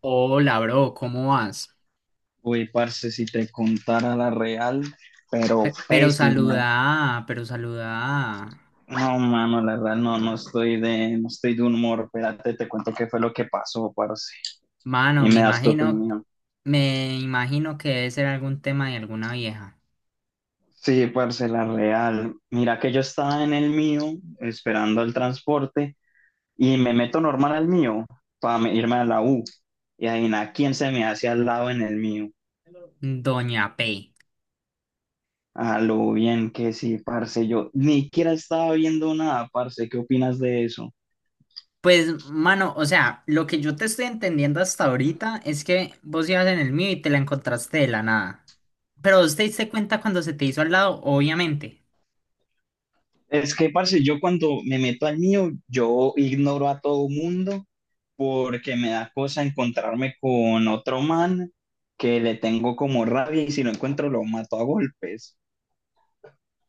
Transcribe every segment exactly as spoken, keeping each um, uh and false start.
Hola, bro, ¿cómo vas? Uy, parce, si te contara la real, pero Pe- pero saluda, pésimo. pero saluda. No, mano, la verdad no, no estoy de, no estoy de humor. Espérate, te cuento qué fue lo que pasó, parce. Mano, Y me me das tu imagino, opinión. me imagino que debe ser algún tema de alguna vieja. Sí, parce, la real. Mira que yo estaba en el mío, esperando el transporte, y me meto normal al mío para irme a la U. Y adivina quién se me hace al lado en el mío. Doña P. A lo bien que sí, parce. Yo ni siquiera estaba viendo nada, parce. ¿Qué opinas de eso? Pues, mano, o sea, lo que yo te estoy entendiendo hasta ahorita es que vos ibas en el mío y te la encontraste de la nada. Pero vos te diste cuenta cuando se te hizo al lado, obviamente. Es que, parce, yo cuando me meto al mío, yo ignoro a todo mundo porque me da cosa encontrarme con otro man que le tengo como rabia y si lo encuentro lo mato a golpes.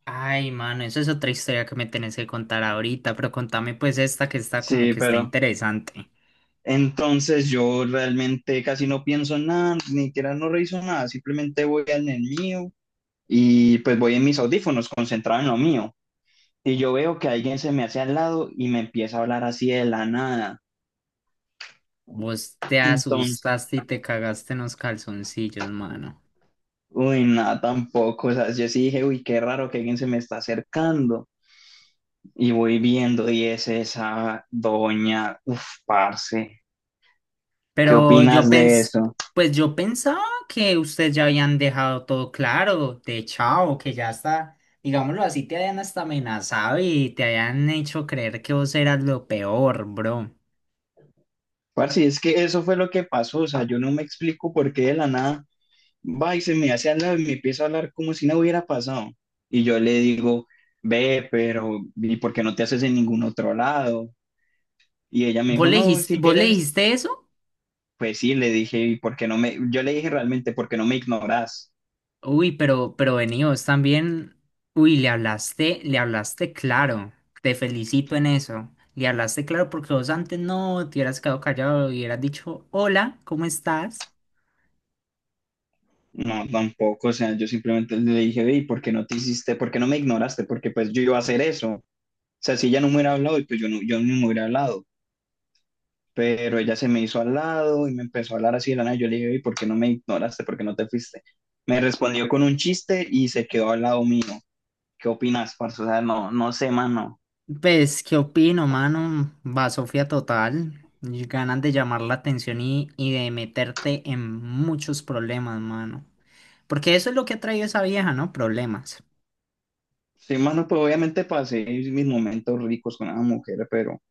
Ay, mano, eso es otra historia que me tenés que contar ahorita, pero contame pues esta que está como Sí, que está pero interesante. entonces yo realmente casi no pienso en nada, ni siquiera no reviso nada, simplemente voy al el mío y pues voy en mis audífonos concentrado en lo mío. Y yo veo que alguien se me hace al lado y me empieza a hablar así de la nada. Vos te entonces asustaste y te cagaste en los calzoncillos, mano. Uy, nada tampoco. O sea, yo sí dije, uy, qué raro que alguien se me está acercando. Y voy viendo, y es esa doña. Uf, parce, ¿qué Pero yo opinas de pensé, eso? pues yo pensaba que ustedes ya habían dejado todo claro, de chao, que ya está, digámoslo así, te habían hasta amenazado y te habían hecho creer que vos eras lo peor, bro. Parce, es que eso fue lo que pasó. O sea, yo no me explico por qué de la nada va y se me hace al lado y me empieza a hablar como si no hubiera pasado. Y yo le digo, ve, pero, ¿y por qué no te haces en ningún otro lado? Y ella me ¿Vos dijo, le no, dijiste, si vos le quieres, dijiste eso? pues sí, le dije, ¿y por qué no me? Yo le dije realmente, ¿por qué no me ignoras? Uy, pero, pero veníos también. Uy, le hablaste, le hablaste claro. Te felicito en eso. Le hablaste claro porque vos antes no te hubieras quedado callado y hubieras dicho, hola, ¿cómo estás? No, tampoco, o sea, yo simplemente le dije, ve, ¿y por qué no te hiciste, por qué no me ignoraste? Porque pues yo iba a hacer eso. O sea, si ella no me hubiera hablado, y pues yo no, yo no me hubiera hablado. Pero ella se me hizo al lado y me empezó a hablar así de la nada. Yo le dije, ve, ¿y por qué no me ignoraste? ¿Por qué no te fuiste? Me respondió con un chiste y se quedó al lado mío. ¿Qué opinas, parce? O sea, no, no sé, mano. Pues, ¿qué opino, mano? Va Sofía total. Y ganas de llamar la atención y, y de meterte en muchos problemas, mano. Porque eso es lo que ha traído esa vieja, ¿no? Problemas. Sí, mano, pues obviamente pasé mis momentos ricos con esa mujer, pero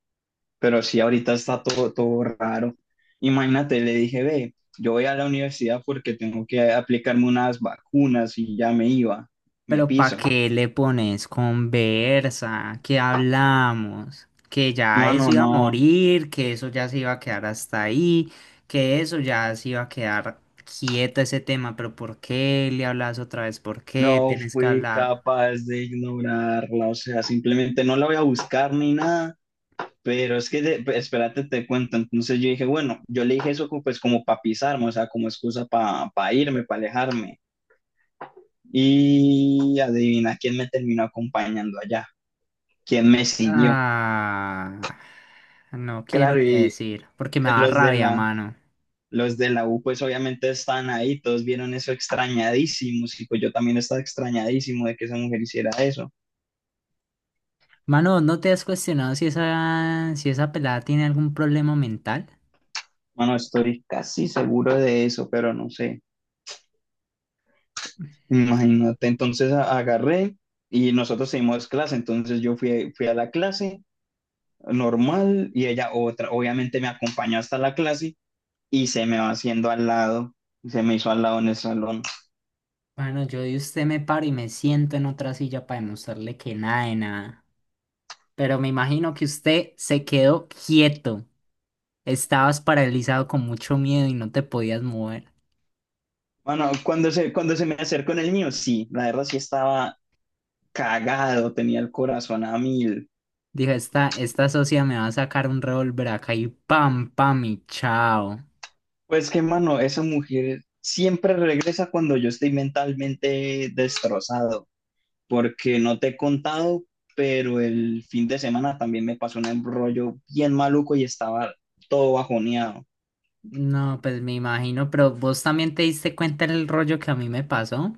Pero sí, ahorita está todo, todo raro. Imagínate, le dije, ve, yo voy a la universidad porque tengo que aplicarme unas vacunas y ya me iba, me Pero ¿para piso. qué le pones conversa? ¿Qué hablamos? Que ya eso Mano, iba a no, morir, que eso ya se iba a quedar hasta ahí, que eso ya se iba a quedar quieto ese tema, pero ¿por qué le hablas otra vez? ¿Por qué no tenés que fui hablar? capaz de ignorarla, o sea, simplemente no la voy a buscar ni nada. Pero es que, de- pues, espérate, te cuento. Entonces yo dije, bueno, yo le dije eso como, pues como para pisarme, o sea, como excusa para irme, para alejarme. Y adivina quién me terminó acompañando allá, quién me siguió. Ah, no quiero Claro, ni y decir, porque me da los de rabia, la, mano. los de la U, pues obviamente están ahí, todos vieron eso extrañadísimos, y pues yo también estaba extrañadísimo de que esa mujer hiciera eso. Mano, ¿no te has cuestionado si esa, si esa pelada tiene algún problema mental? Bueno, estoy casi seguro de eso, pero no sé. Imagínate, entonces a- agarré y nosotros seguimos clase, entonces yo fui, fui a la clase normal y ella otra, obviamente me acompañó hasta la clase y se me va haciendo al lado, se me hizo al lado en el salón. Bueno, yo de usted me paro y me siento en otra silla para demostrarle que nada de nada. Pero me imagino que usted se quedó quieto. Estabas paralizado con mucho miedo y no te podías mover. Bueno, cuando se, cuando se me acercó en el mío, sí, la verdad sí estaba cagado, tenía el corazón a mil. Dijo, esta, esta socia me va a sacar un revólver acá y pam, pam y chao. Pues que, mano, esa mujer siempre regresa cuando yo estoy mentalmente destrozado, porque no te he contado, pero el fin de semana también me pasó un embrollo bien maluco y estaba todo bajoneado. No, pues me imagino, pero vos también te diste cuenta del rollo que a mí me pasó.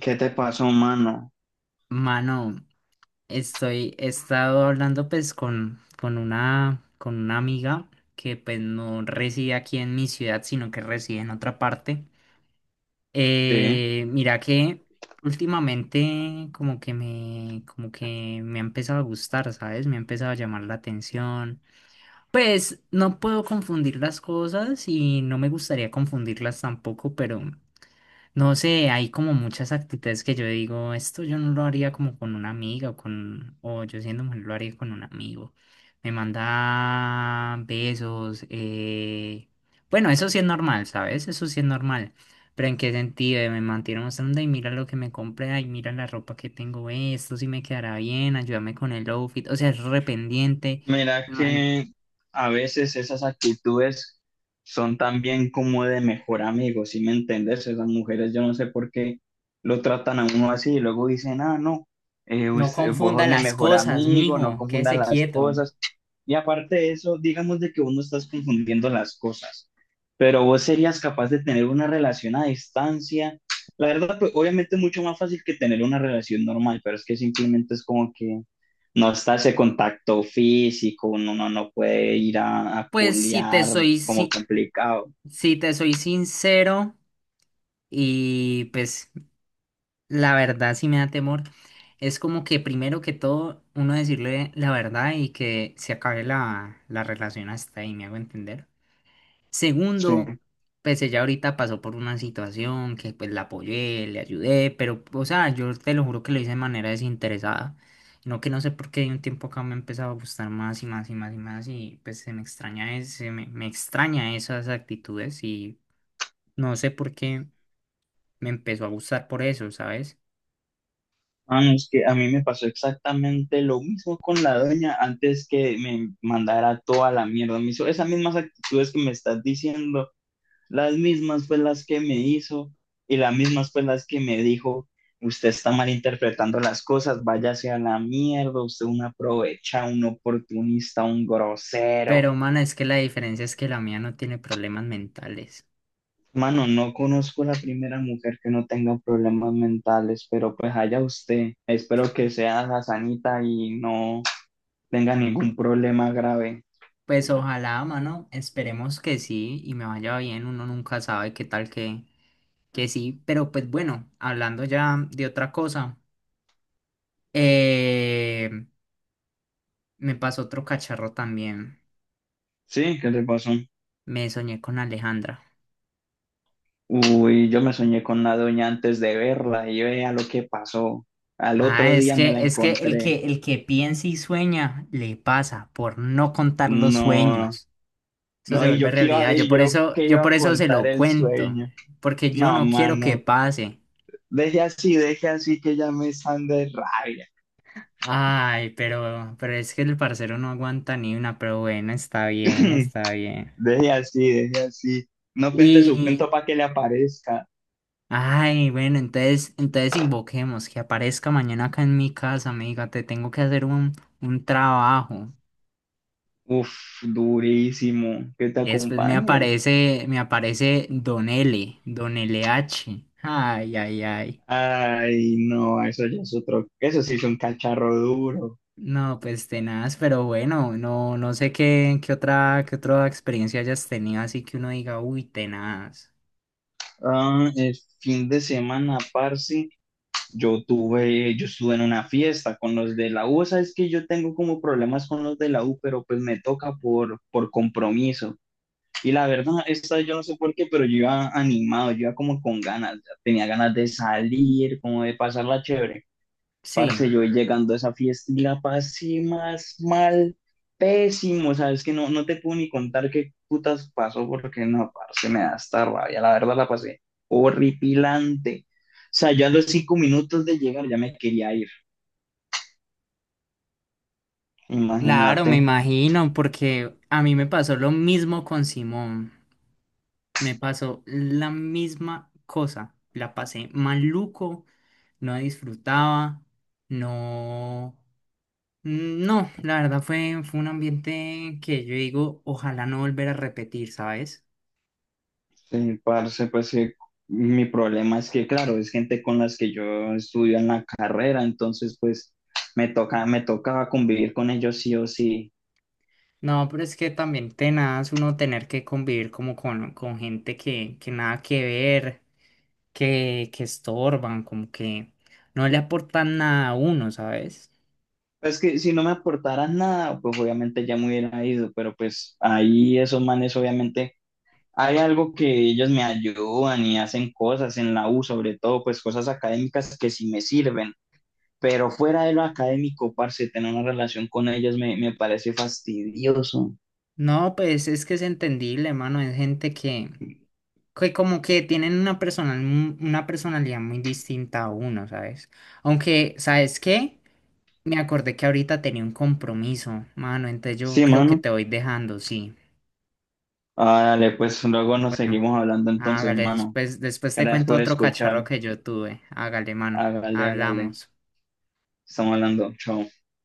¿Qué te pasó, mano? Mano, estoy, he estado hablando pues con, con una, con una amiga que pues no reside aquí en mi ciudad, sino que reside en otra parte. Sí. Eh, mira que últimamente como que me, como que me ha empezado a gustar, ¿sabes? Me ha empezado a llamar la atención. Pues no puedo confundir las cosas y no me gustaría confundirlas tampoco, pero no sé, hay como muchas actitudes que yo digo, esto yo no lo haría como con una amiga o con, o yo siendo mujer lo haría con un amigo. Me manda besos, eh... bueno, eso sí es normal, ¿sabes? Eso sí es normal. Pero ¿en qué sentido? Eh, Me mantiene mostrando, y mira lo que me compré, ay, mira la ropa que tengo, eh, esto sí me quedará bien, ayúdame con el outfit, o sea, es rependiente. Mira No, que a veces esas actitudes son también como de mejor amigo, ¿sí me entiendes? Esas mujeres, yo no sé por qué lo tratan a uno así y luego dicen, ah, no, eh, no us- eh, vos confunda sos mi las mejor cosas, amigo, no mijo, confundan quédese las quieto. cosas. Y aparte de eso, digamos de que uno estás confundiendo las cosas, pero vos serías capaz de tener una relación a distancia. La verdad, pues, obviamente es mucho más fácil que tener una relación normal, pero es que simplemente es como que no está ese contacto físico, uno, uno no puede ir a, a Pues si te culiar, soy, como si- complicado. Si te soy sincero, y pues la verdad sí me da temor, es como que primero que todo uno decirle la verdad y que se acabe la, la relación hasta ahí, me hago entender. Segundo, Sí. pues ella ahorita pasó por una situación que pues la apoyé, le ayudé, pero o sea, yo te lo juro que lo hice de manera desinteresada. No que no sé por qué de un tiempo acá me ha empezado a gustar más y más y más y más y pues se me extraña, es- se me, me extraña esas actitudes y... No sé por qué me empezó a gustar por eso, ¿sabes? Ah, no, es que a mí me pasó exactamente lo mismo con la doña antes que me mandara toda la mierda. Me hizo esas mismas actitudes que me estás diciendo, las mismas fue las que me hizo y las mismas fue las que me dijo, usted está malinterpretando las cosas, váyase a la mierda, usted es un aprovechado, un oportunista, un grosero. Pero, mano, es que la diferencia es que la mía no tiene problemas mentales. Mano, no conozco la primera mujer que no tenga problemas mentales, pero pues allá usted. Espero que sea la sanita y no tenga ningún problema grave. Pues ojalá, mano, esperemos que sí y me vaya bien, uno nunca sabe qué tal que, que sí, pero pues bueno, hablando ya de otra cosa, eh, me pasó otro cacharro también, Sí, ¿qué le pasó? me soñé con Alejandra. Uy, yo me soñé con la doña antes de verla y vea lo que pasó. Al Ah, otro es día me que, la es que el encontré. que, el que piensa y sueña le pasa por no contar los No, sueños. Eso se no, y vuelve yo qué iba, realidad. Yo y por yo eso, qué yo iba por a eso se contar lo el cuento, sueño. porque yo No, no quiero que mano, pase. deje así, deje así que ya me están de rabia. Ay, pero, pero es que el parcero no aguanta ni una, pero bueno, está bien, está bien. Deje así, deje así. No cuente su Y, cuento para que le aparezca. ay, bueno, entonces, entonces invoquemos que aparezca mañana acá en mi casa, me diga, te tengo que hacer un, un trabajo. Uf, durísimo. Que te Y después me acompañe. aparece, me aparece Don L, Don L H. Ay, ay, ay. Ay, no, eso ya es otro. Eso sí es un cacharro duro. No, pues tenaz, pero bueno, no, no sé qué, qué otra, qué otra experiencia hayas tenido, así que uno diga, uy, tenaz. Ah, el fin de semana, parce, yo tuve, yo estuve en una fiesta con los de la U. Sabes que yo tengo como problemas con los de la U, pero pues me toca por, por compromiso. Y la verdad, esta vez yo no sé por qué, pero yo iba animado, yo iba como con ganas, ya tenía ganas de salir, como de pasarla chévere. Parce, Sí, yo voy llegando a esa fiesta y la pasé más mal, pésimo, sabes que no, no te puedo ni contar qué putas pasó porque no, parce, me da esta rabia, la verdad la pasé horripilante. O sea, yo a los cinco minutos de llegar ya me quería ir, claro, me imagínate. imagino, porque a mí me pasó lo mismo con Simón. Me pasó la misma cosa. La pasé maluco, no disfrutaba, no. No, la verdad fue, fue un ambiente que yo digo, ojalá no volver a repetir, ¿sabes? Sí, parce, pues que mi problema es que, claro, es gente con las que yo estudio en la carrera, entonces pues me toca, me tocaba convivir con ellos sí o sí. No, pero es que también tenaz uno tener que convivir como con, con gente que, que nada que ver, que, que estorban, como que no le aportan nada a uno, ¿sabes? Pues que si no me aportaran nada, pues obviamente ya me hubiera ido, pero pues ahí esos manes obviamente hay algo que ellos me ayudan y hacen cosas en la U, sobre todo pues cosas académicas que sí me sirven, pero fuera de lo académico, parce, tener una relación con ellos me, me parece fastidioso. No, pues es que es entendible, hermano, es gente que, que como que tienen una personal, una personalidad muy distinta a uno, ¿sabes? Aunque, ¿sabes qué? Me acordé que ahorita tenía un compromiso, mano, entonces yo Sí, creo que mano. te voy dejando, sí. Ah, dale, pues luego nos seguimos hablando entonces, Hágale, hermano. después, después te Gracias cuento por otro cacharro escuchar. que yo tuve. Hágale, mano. Hágale, hágale. Hablamos. Estamos hablando. Chao.